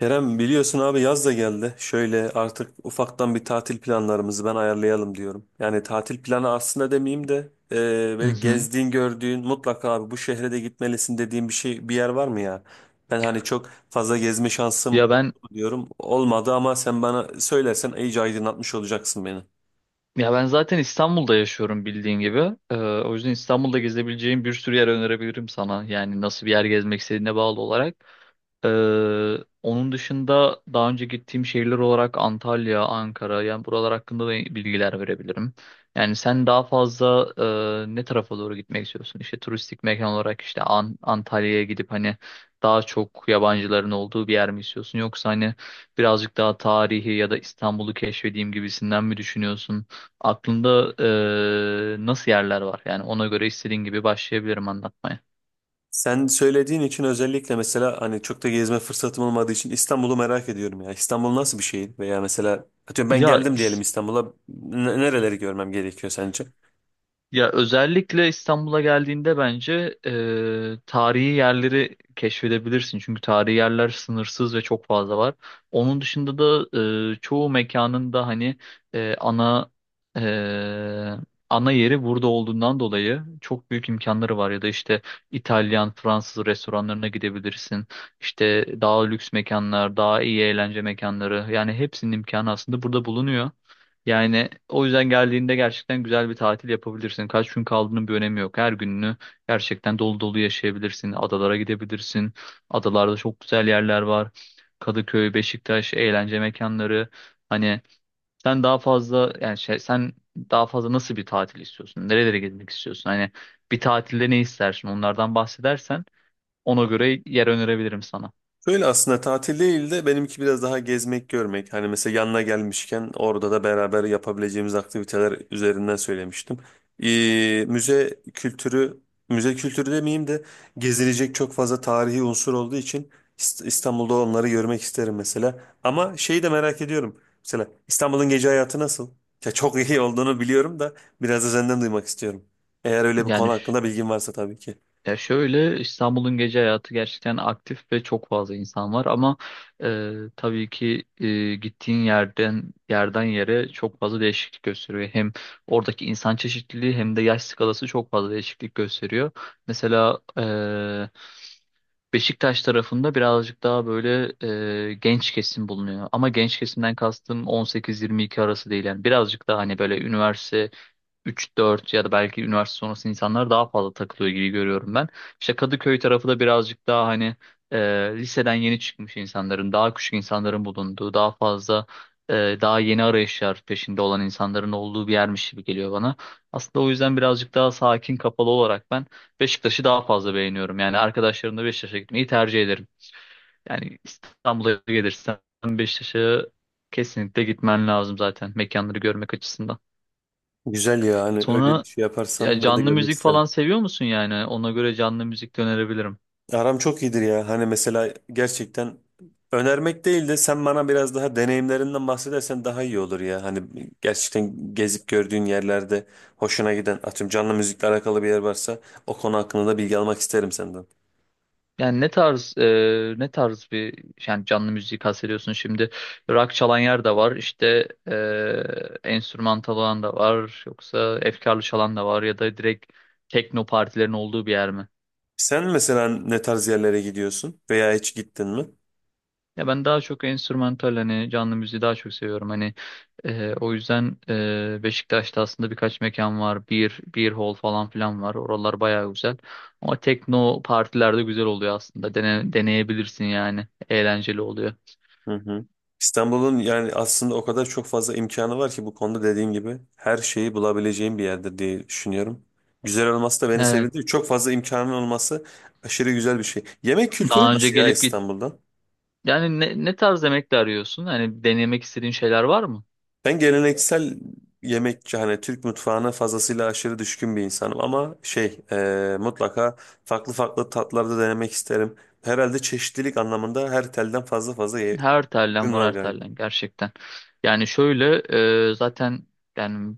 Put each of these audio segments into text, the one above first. Kerem biliyorsun abi yaz da geldi. Şöyle artık ufaktan bir tatil planlarımızı ben ayarlayalım diyorum. Yani tatil planı aslında demeyeyim de e, Hı böyle hı. gezdiğin gördüğün mutlaka abi bu şehre de gitmelisin dediğin bir şey bir yer var mı ya? Ben hani çok fazla gezme şansım Ya oldu ben mu diyorum. Olmadı ama sen bana söylersen iyice aydınlatmış olacaksın beni. ya ben zaten İstanbul'da yaşıyorum bildiğin gibi. O yüzden İstanbul'da gezebileceğim bir sürü yer önerebilirim sana. Yani nasıl bir yer gezmek istediğine bağlı olarak. Ee, Onun dışında daha önce gittiğim şehirler olarak Antalya, Ankara yani buralar hakkında da bilgiler verebilirim. Yani sen daha fazla ne tarafa doğru gitmek istiyorsun? İşte turistik mekan olarak işte Antalya'ya gidip hani daha çok yabancıların olduğu bir yer mi istiyorsun? Yoksa hani birazcık daha tarihi ya da İstanbul'u keşfedeyim gibisinden mi düşünüyorsun? Aklında nasıl yerler var? Yani ona göre istediğin gibi başlayabilirim anlatmaya. Sen söylediğin için özellikle mesela hani çok da gezme fırsatım olmadığı için İstanbul'u merak ediyorum ya. İstanbul nasıl bir şehir? Veya mesela atıyorum ben Ya geldim diyelim İstanbul'a. Nereleri görmem gerekiyor sence? Ya özellikle İstanbul'a geldiğinde bence tarihi yerleri keşfedebilirsin. Çünkü tarihi yerler sınırsız ve çok fazla var. Onun dışında da çoğu mekanın da hani e, ana e, ana yeri burada olduğundan dolayı çok büyük imkanları var. Ya da işte İtalyan, Fransız restoranlarına gidebilirsin. İşte daha lüks mekanlar, daha iyi eğlence mekanları. Yani hepsinin imkanı aslında burada bulunuyor. Yani o yüzden geldiğinde gerçekten güzel bir tatil yapabilirsin. Kaç gün kaldığının bir önemi yok. Her gününü gerçekten dolu dolu yaşayabilirsin. Adalara gidebilirsin. Adalarda çok güzel yerler var. Kadıköy, Beşiktaş, eğlence mekanları. Hani sen daha fazla sen daha fazla nasıl bir tatil istiyorsun? Nerelere gitmek istiyorsun? Hani bir tatilde ne istersin? Onlardan bahsedersen ona göre yer önerebilirim sana. Böyle aslında tatil değil de benimki biraz daha gezmek, görmek. Hani mesela yanına gelmişken orada da beraber yapabileceğimiz aktiviteler üzerinden söylemiştim. Müze kültürü, demeyeyim de gezilecek çok fazla tarihi unsur olduğu için İstanbul'da onları görmek isterim mesela. Ama şeyi de merak ediyorum. Mesela İstanbul'un gece hayatı nasıl? Ya çok iyi olduğunu biliyorum da biraz da senden duymak istiyorum. Eğer öyle bir konu Yani hakkında bilgin varsa tabii ki. Ya şöyle İstanbul'un gece hayatı gerçekten aktif ve çok fazla insan var ama tabii ki gittiğin yerden yere çok fazla değişiklik gösteriyor. Hem oradaki insan çeşitliliği hem de yaş skalası çok fazla değişiklik gösteriyor. Mesela Beşiktaş tarafında birazcık daha böyle genç kesim bulunuyor. Ama genç kesimden kastım 18-22 arası değil yani birazcık daha hani böyle üniversite üç dört ya da belki üniversite sonrası insanlar daha fazla takılıyor gibi görüyorum ben. İşte Kadıköy tarafı da birazcık daha hani e, liseden yeni çıkmış insanların, daha küçük insanların bulunduğu, daha fazla daha yeni arayışlar peşinde olan insanların olduğu bir yermiş gibi geliyor bana. Aslında o yüzden birazcık daha sakin, kapalı olarak ben Beşiktaş'ı daha fazla beğeniyorum. Yani arkadaşlarımla Beşiktaş'a gitmeyi tercih ederim. Yani İstanbul'a gelirsen Beşiktaş'a kesinlikle gitmen lazım zaten mekanları görmek açısından. Güzel ya hani öyle bir Sonra şey ya yaparsam ben de canlı görmek müzik isterim. falan seviyor musun yani? Ona göre canlı müzik de önerebilirim. Aram çok iyidir ya. Hani mesela gerçekten önermek değil de sen bana biraz daha deneyimlerinden bahsedersen daha iyi olur ya. Hani gerçekten gezip gördüğün yerlerde hoşuna giden atıyorum canlı müzikle alakalı bir yer varsa o konu hakkında da bilgi almak isterim senden. Yani ne tarz ne tarz bir yani canlı müzik kastediyorsun şimdi? Rock çalan yer de var, işte enstrümantal olan da var, yoksa efkarlı çalan da var ya da direkt tekno partilerin olduğu bir yer mi? Sen mesela ne tarz yerlere gidiyorsun veya hiç gittin mi? Ya ben daha çok enstrümantal hani canlı müziği daha çok seviyorum. Hani o yüzden Beşiktaş'ta aslında birkaç mekan var. Bir hall falan filan var. Oralar bayağı güzel. Ama tekno partilerde güzel oluyor aslında. Deneyebilirsin yani. Eğlenceli oluyor. Hı hı. İstanbul'un yani aslında o kadar çok fazla imkanı var ki bu konuda dediğim gibi her şeyi bulabileceğim bir yerdir diye düşünüyorum. Güzel olması da beni Evet. sevindi. Çok fazla imkanın olması aşırı güzel bir şey. Yemek kültürü Daha önce nasıl ya gelip git. İstanbul'da? Yani ne tarz yemekler arıyorsun? Hani denemek istediğin şeyler var mı? Ben geleneksel yemekçi hani Türk mutfağına fazlasıyla aşırı düşkün bir insanım ama şey mutlaka farklı farklı tatlarda denemek isterim. Herhalde çeşitlilik anlamında her telden fazla fazla Her tellen ürün var var her galiba. tellen gerçekten. Yani şöyle zaten yani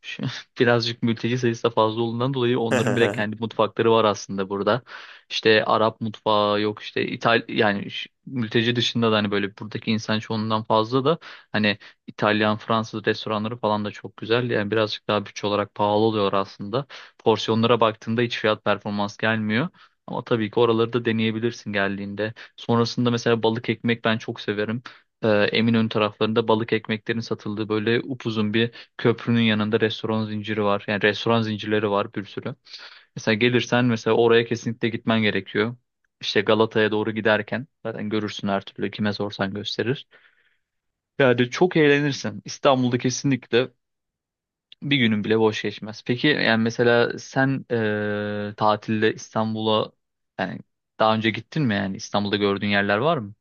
şu- birazcık mülteci sayısı da fazla olduğundan dolayı onların bile kendi mutfakları var aslında burada. İşte Arap mutfağı yok işte mülteci dışında da hani böyle buradaki insan çoğunluğundan fazla da hani İtalyan, Fransız restoranları falan da çok güzel. Yani birazcık daha bütçe olarak pahalı oluyor aslında. Porsiyonlara baktığında hiç fiyat performans gelmiyor. Ama tabii ki oraları da deneyebilirsin geldiğinde. Sonrasında mesela balık ekmek ben çok severim. Eminönü taraflarında balık ekmeklerin satıldığı böyle upuzun bir köprünün yanında restoran zinciri var. Yani restoran zincirleri var bir sürü. Mesela gelirsen mesela oraya kesinlikle gitmen gerekiyor. İşte Galata'ya doğru giderken zaten görürsün her türlü kime sorsan gösterir. Yani çok eğlenirsin. İstanbul'da kesinlikle bir günün bile boş geçmez. Peki yani mesela sen tatilde İstanbul'a yani daha önce gittin mi yani İstanbul'da gördüğün yerler var mı?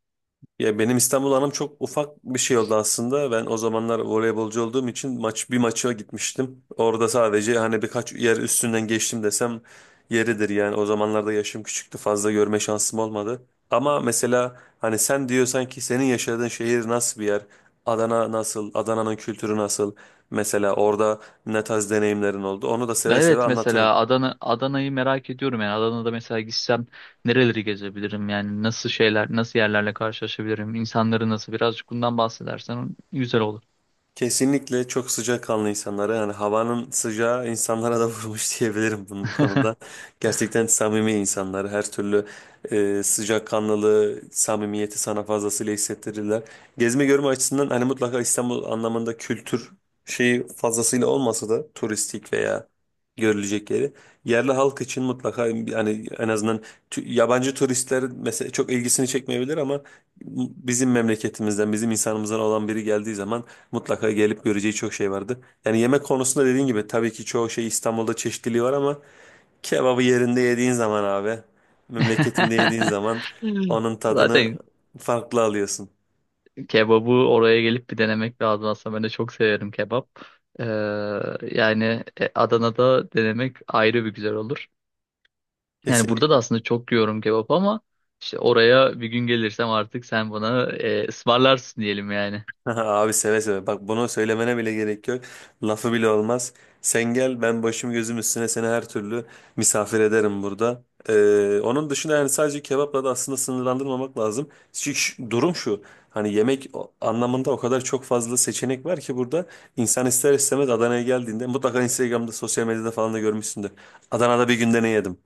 Ya benim İstanbul anım çok ufak bir şey oldu aslında. Ben o zamanlar voleybolcu olduğum için bir maça gitmiştim. Orada sadece hani birkaç yer üstünden geçtim desem yeridir yani. O zamanlarda yaşım küçüktü. Fazla görme şansım olmadı. Ama mesela hani sen diyorsan ki senin yaşadığın şehir nasıl bir yer? Adana nasıl? Adana'nın kültürü nasıl? Mesela orada ne tarz deneyimlerin oldu? Onu da seve seve Evet anlatırım. mesela Adana'yı merak ediyorum yani Adana'da mesela gitsem nereleri gezebilirim yani nasıl şeyler nasıl yerlerle karşılaşabilirim insanları nasıl birazcık bundan bahsedersen güzel olur. Kesinlikle çok sıcakkanlı insanlara yani havanın sıcağı insanlara da vurmuş diyebilirim bu konuda. Gerçekten samimi insanlar her türlü sıcakkanlılığı, samimiyeti sana fazlasıyla hissettirirler. Gezme görme açısından hani mutlaka İstanbul anlamında kültür şeyi fazlasıyla olmasa da turistik veya görülecek yeri yerli halk için mutlaka yani en azından yabancı turistler mesela çok ilgisini çekmeyebilir ama bizim memleketimizden, bizim insanımızdan olan biri geldiği zaman mutlaka gelip göreceği çok şey vardı. Yani yemek konusunda dediğin gibi tabii ki çoğu şey İstanbul'da çeşitliliği var ama kebabı yerinde yediğin zaman abi, memleketinde yediğin zaman onun tadını Zaten farklı alıyorsun. kebabı oraya gelip bir denemek lazım aslında ben de çok severim kebap. Ee, yani Adana'da denemek ayrı bir güzel olur. Yani burada da Kesinlikle. aslında çok yiyorum kebap ama işte oraya bir gün gelirsem artık sen bana ısmarlarsın diyelim yani. Abi seve seve. Bak bunu söylemene bile gerek yok. Lafı bile olmaz. Sen gel ben başım gözüm üstüne seni her türlü misafir ederim burada. Onun dışında yani sadece kebapla da aslında sınırlandırmamak lazım. Çünkü durum şu. Hani yemek anlamında o kadar çok fazla seçenek var ki burada. İnsan ister istemez Adana'ya geldiğinde mutlaka Instagram'da sosyal medyada falan da görmüşsündür. Adana'da bir günde ne yedim?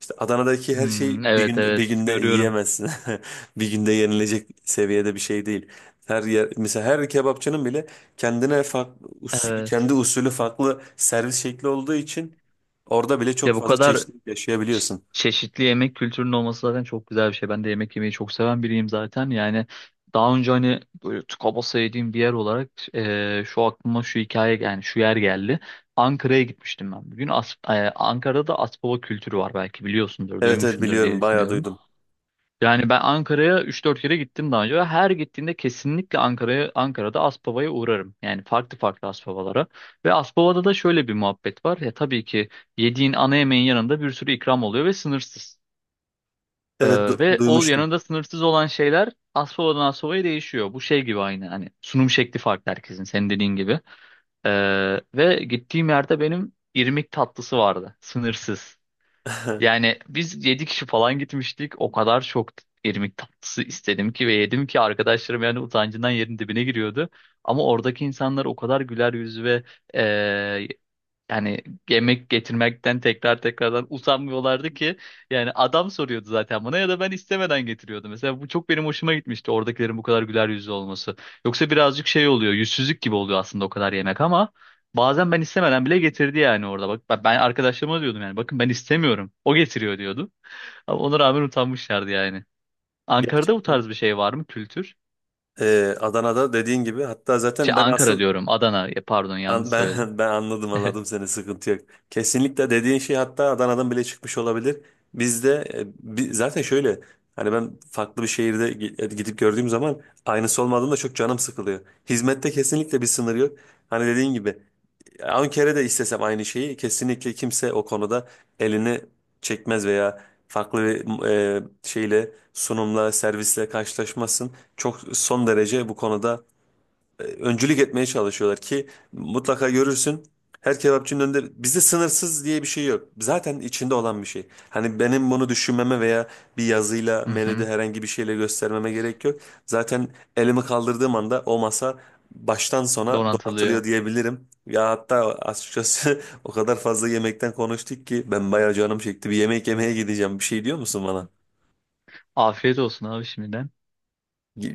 İşte Adana'daki her şey Hmm, evet evet bir günde görüyorum. yiyemezsin. Bir günde yenilecek seviyede bir şey değil. Her yer mesela her kebapçının bile kendine farklı usulü, kendi Evet. usulü farklı servis şekli olduğu için orada bile çok Ya bu fazla kadar çeşitlilik ç- yaşayabiliyorsun. çeşitli yemek kültürünün olması zaten çok güzel bir şey. Ben de yemek yemeyi çok seven biriyim zaten. Yani daha önce hani böyle tıka basa yediğim bir yer olarak e, şu aklıma şu hikaye yani şu yer geldi. Ankara'ya gitmiştim ben bugün. Ankara'da da Aspava kültürü var belki biliyorsundur, Evet, duymuşsundur biliyorum diye bayağı düşünüyorum. duydum. Yani ben Ankara'ya üç dört kere gittim daha önce ve her gittiğimde kesinlikle Ankara'da Aspava'ya uğrarım. Yani farklı farklı Aspavalara. Ve Aspava'da da şöyle bir muhabbet var. Ya tabii ki yediğin ana yemeğin yanında bir sürü ikram oluyor ve sınırsız. Evet Ve o duymuştum. yanında sınırsız olan şeyler Aspava'dan Aspava'ya değişiyor. Bu şey gibi aynı hani sunum şekli farklı herkesin senin dediğin gibi. Ve gittiğim yerde benim irmik tatlısı vardı. Sınırsız. Yani biz 7 kişi falan gitmiştik. O kadar çok irmik tatlısı istedim ki ve yedim ki arkadaşlarım yani utancından yerin dibine giriyordu. Ama oradaki insanlar o kadar güler yüzlü ve yani yemek getirmekten tekrar tekrardan usanmıyorlardı ki yani adam soruyordu zaten bana ya da ben istemeden getiriyordum. Mesela bu çok benim hoşuma gitmişti oradakilerin bu kadar güler yüzlü olması. Yoksa birazcık şey oluyor yüzsüzlük gibi oluyor aslında o kadar yemek ama bazen ben istemeden bile getirdi yani orada. Bak ben arkadaşlarıma diyordum yani bakın ben istemiyorum o getiriyor diyordu ama ona rağmen utanmışlardı yani. Ankara'da bu Gerçekten. tarz bir şey var mı kültür? Adana'da dediğin gibi hatta zaten ben Ankara asıl diyorum Adana. Ya pardon yanlış söyledim. ben ben anladım anladım seni, sıkıntı yok. Kesinlikle dediğin şey hatta Adana'dan bile çıkmış olabilir. Bizde zaten şöyle hani ben farklı bir şehirde gidip gördüğüm zaman aynısı olmadığında çok canım sıkılıyor. Hizmette kesinlikle bir sınır yok. Hani dediğin gibi 10 kere de istesem aynı şeyi kesinlikle kimse o konuda elini çekmez veya farklı bir şeyle sunumla servisle karşılaşmasın. Çok son derece bu konuda öncülük etmeye çalışıyorlar ki mutlaka görürsün. Her kebapçının önünde bizde sınırsız diye bir şey yok. Zaten içinde olan bir şey. Hani benim bunu düşünmeme veya bir yazıyla Hı menüde hı. herhangi bir şeyle göstermeme gerek yok. Zaten elimi kaldırdığım anda o masa baştan sona Donatılıyor. donatılıyor diyebilirim. Ya hatta açıkçası o kadar fazla yemekten konuştuk ki ben bayağı canım çekti. Bir yemek yemeye gideceğim. Bir şey diyor musun bana? Afiyet olsun abi şimdiden.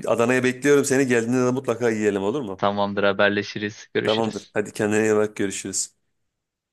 Adana'ya bekliyorum seni. Geldiğinde de mutlaka yiyelim, olur mu? Tamamdır haberleşiriz. Tamamdır. Görüşürüz. Hadi kendine iyi bak, görüşürüz.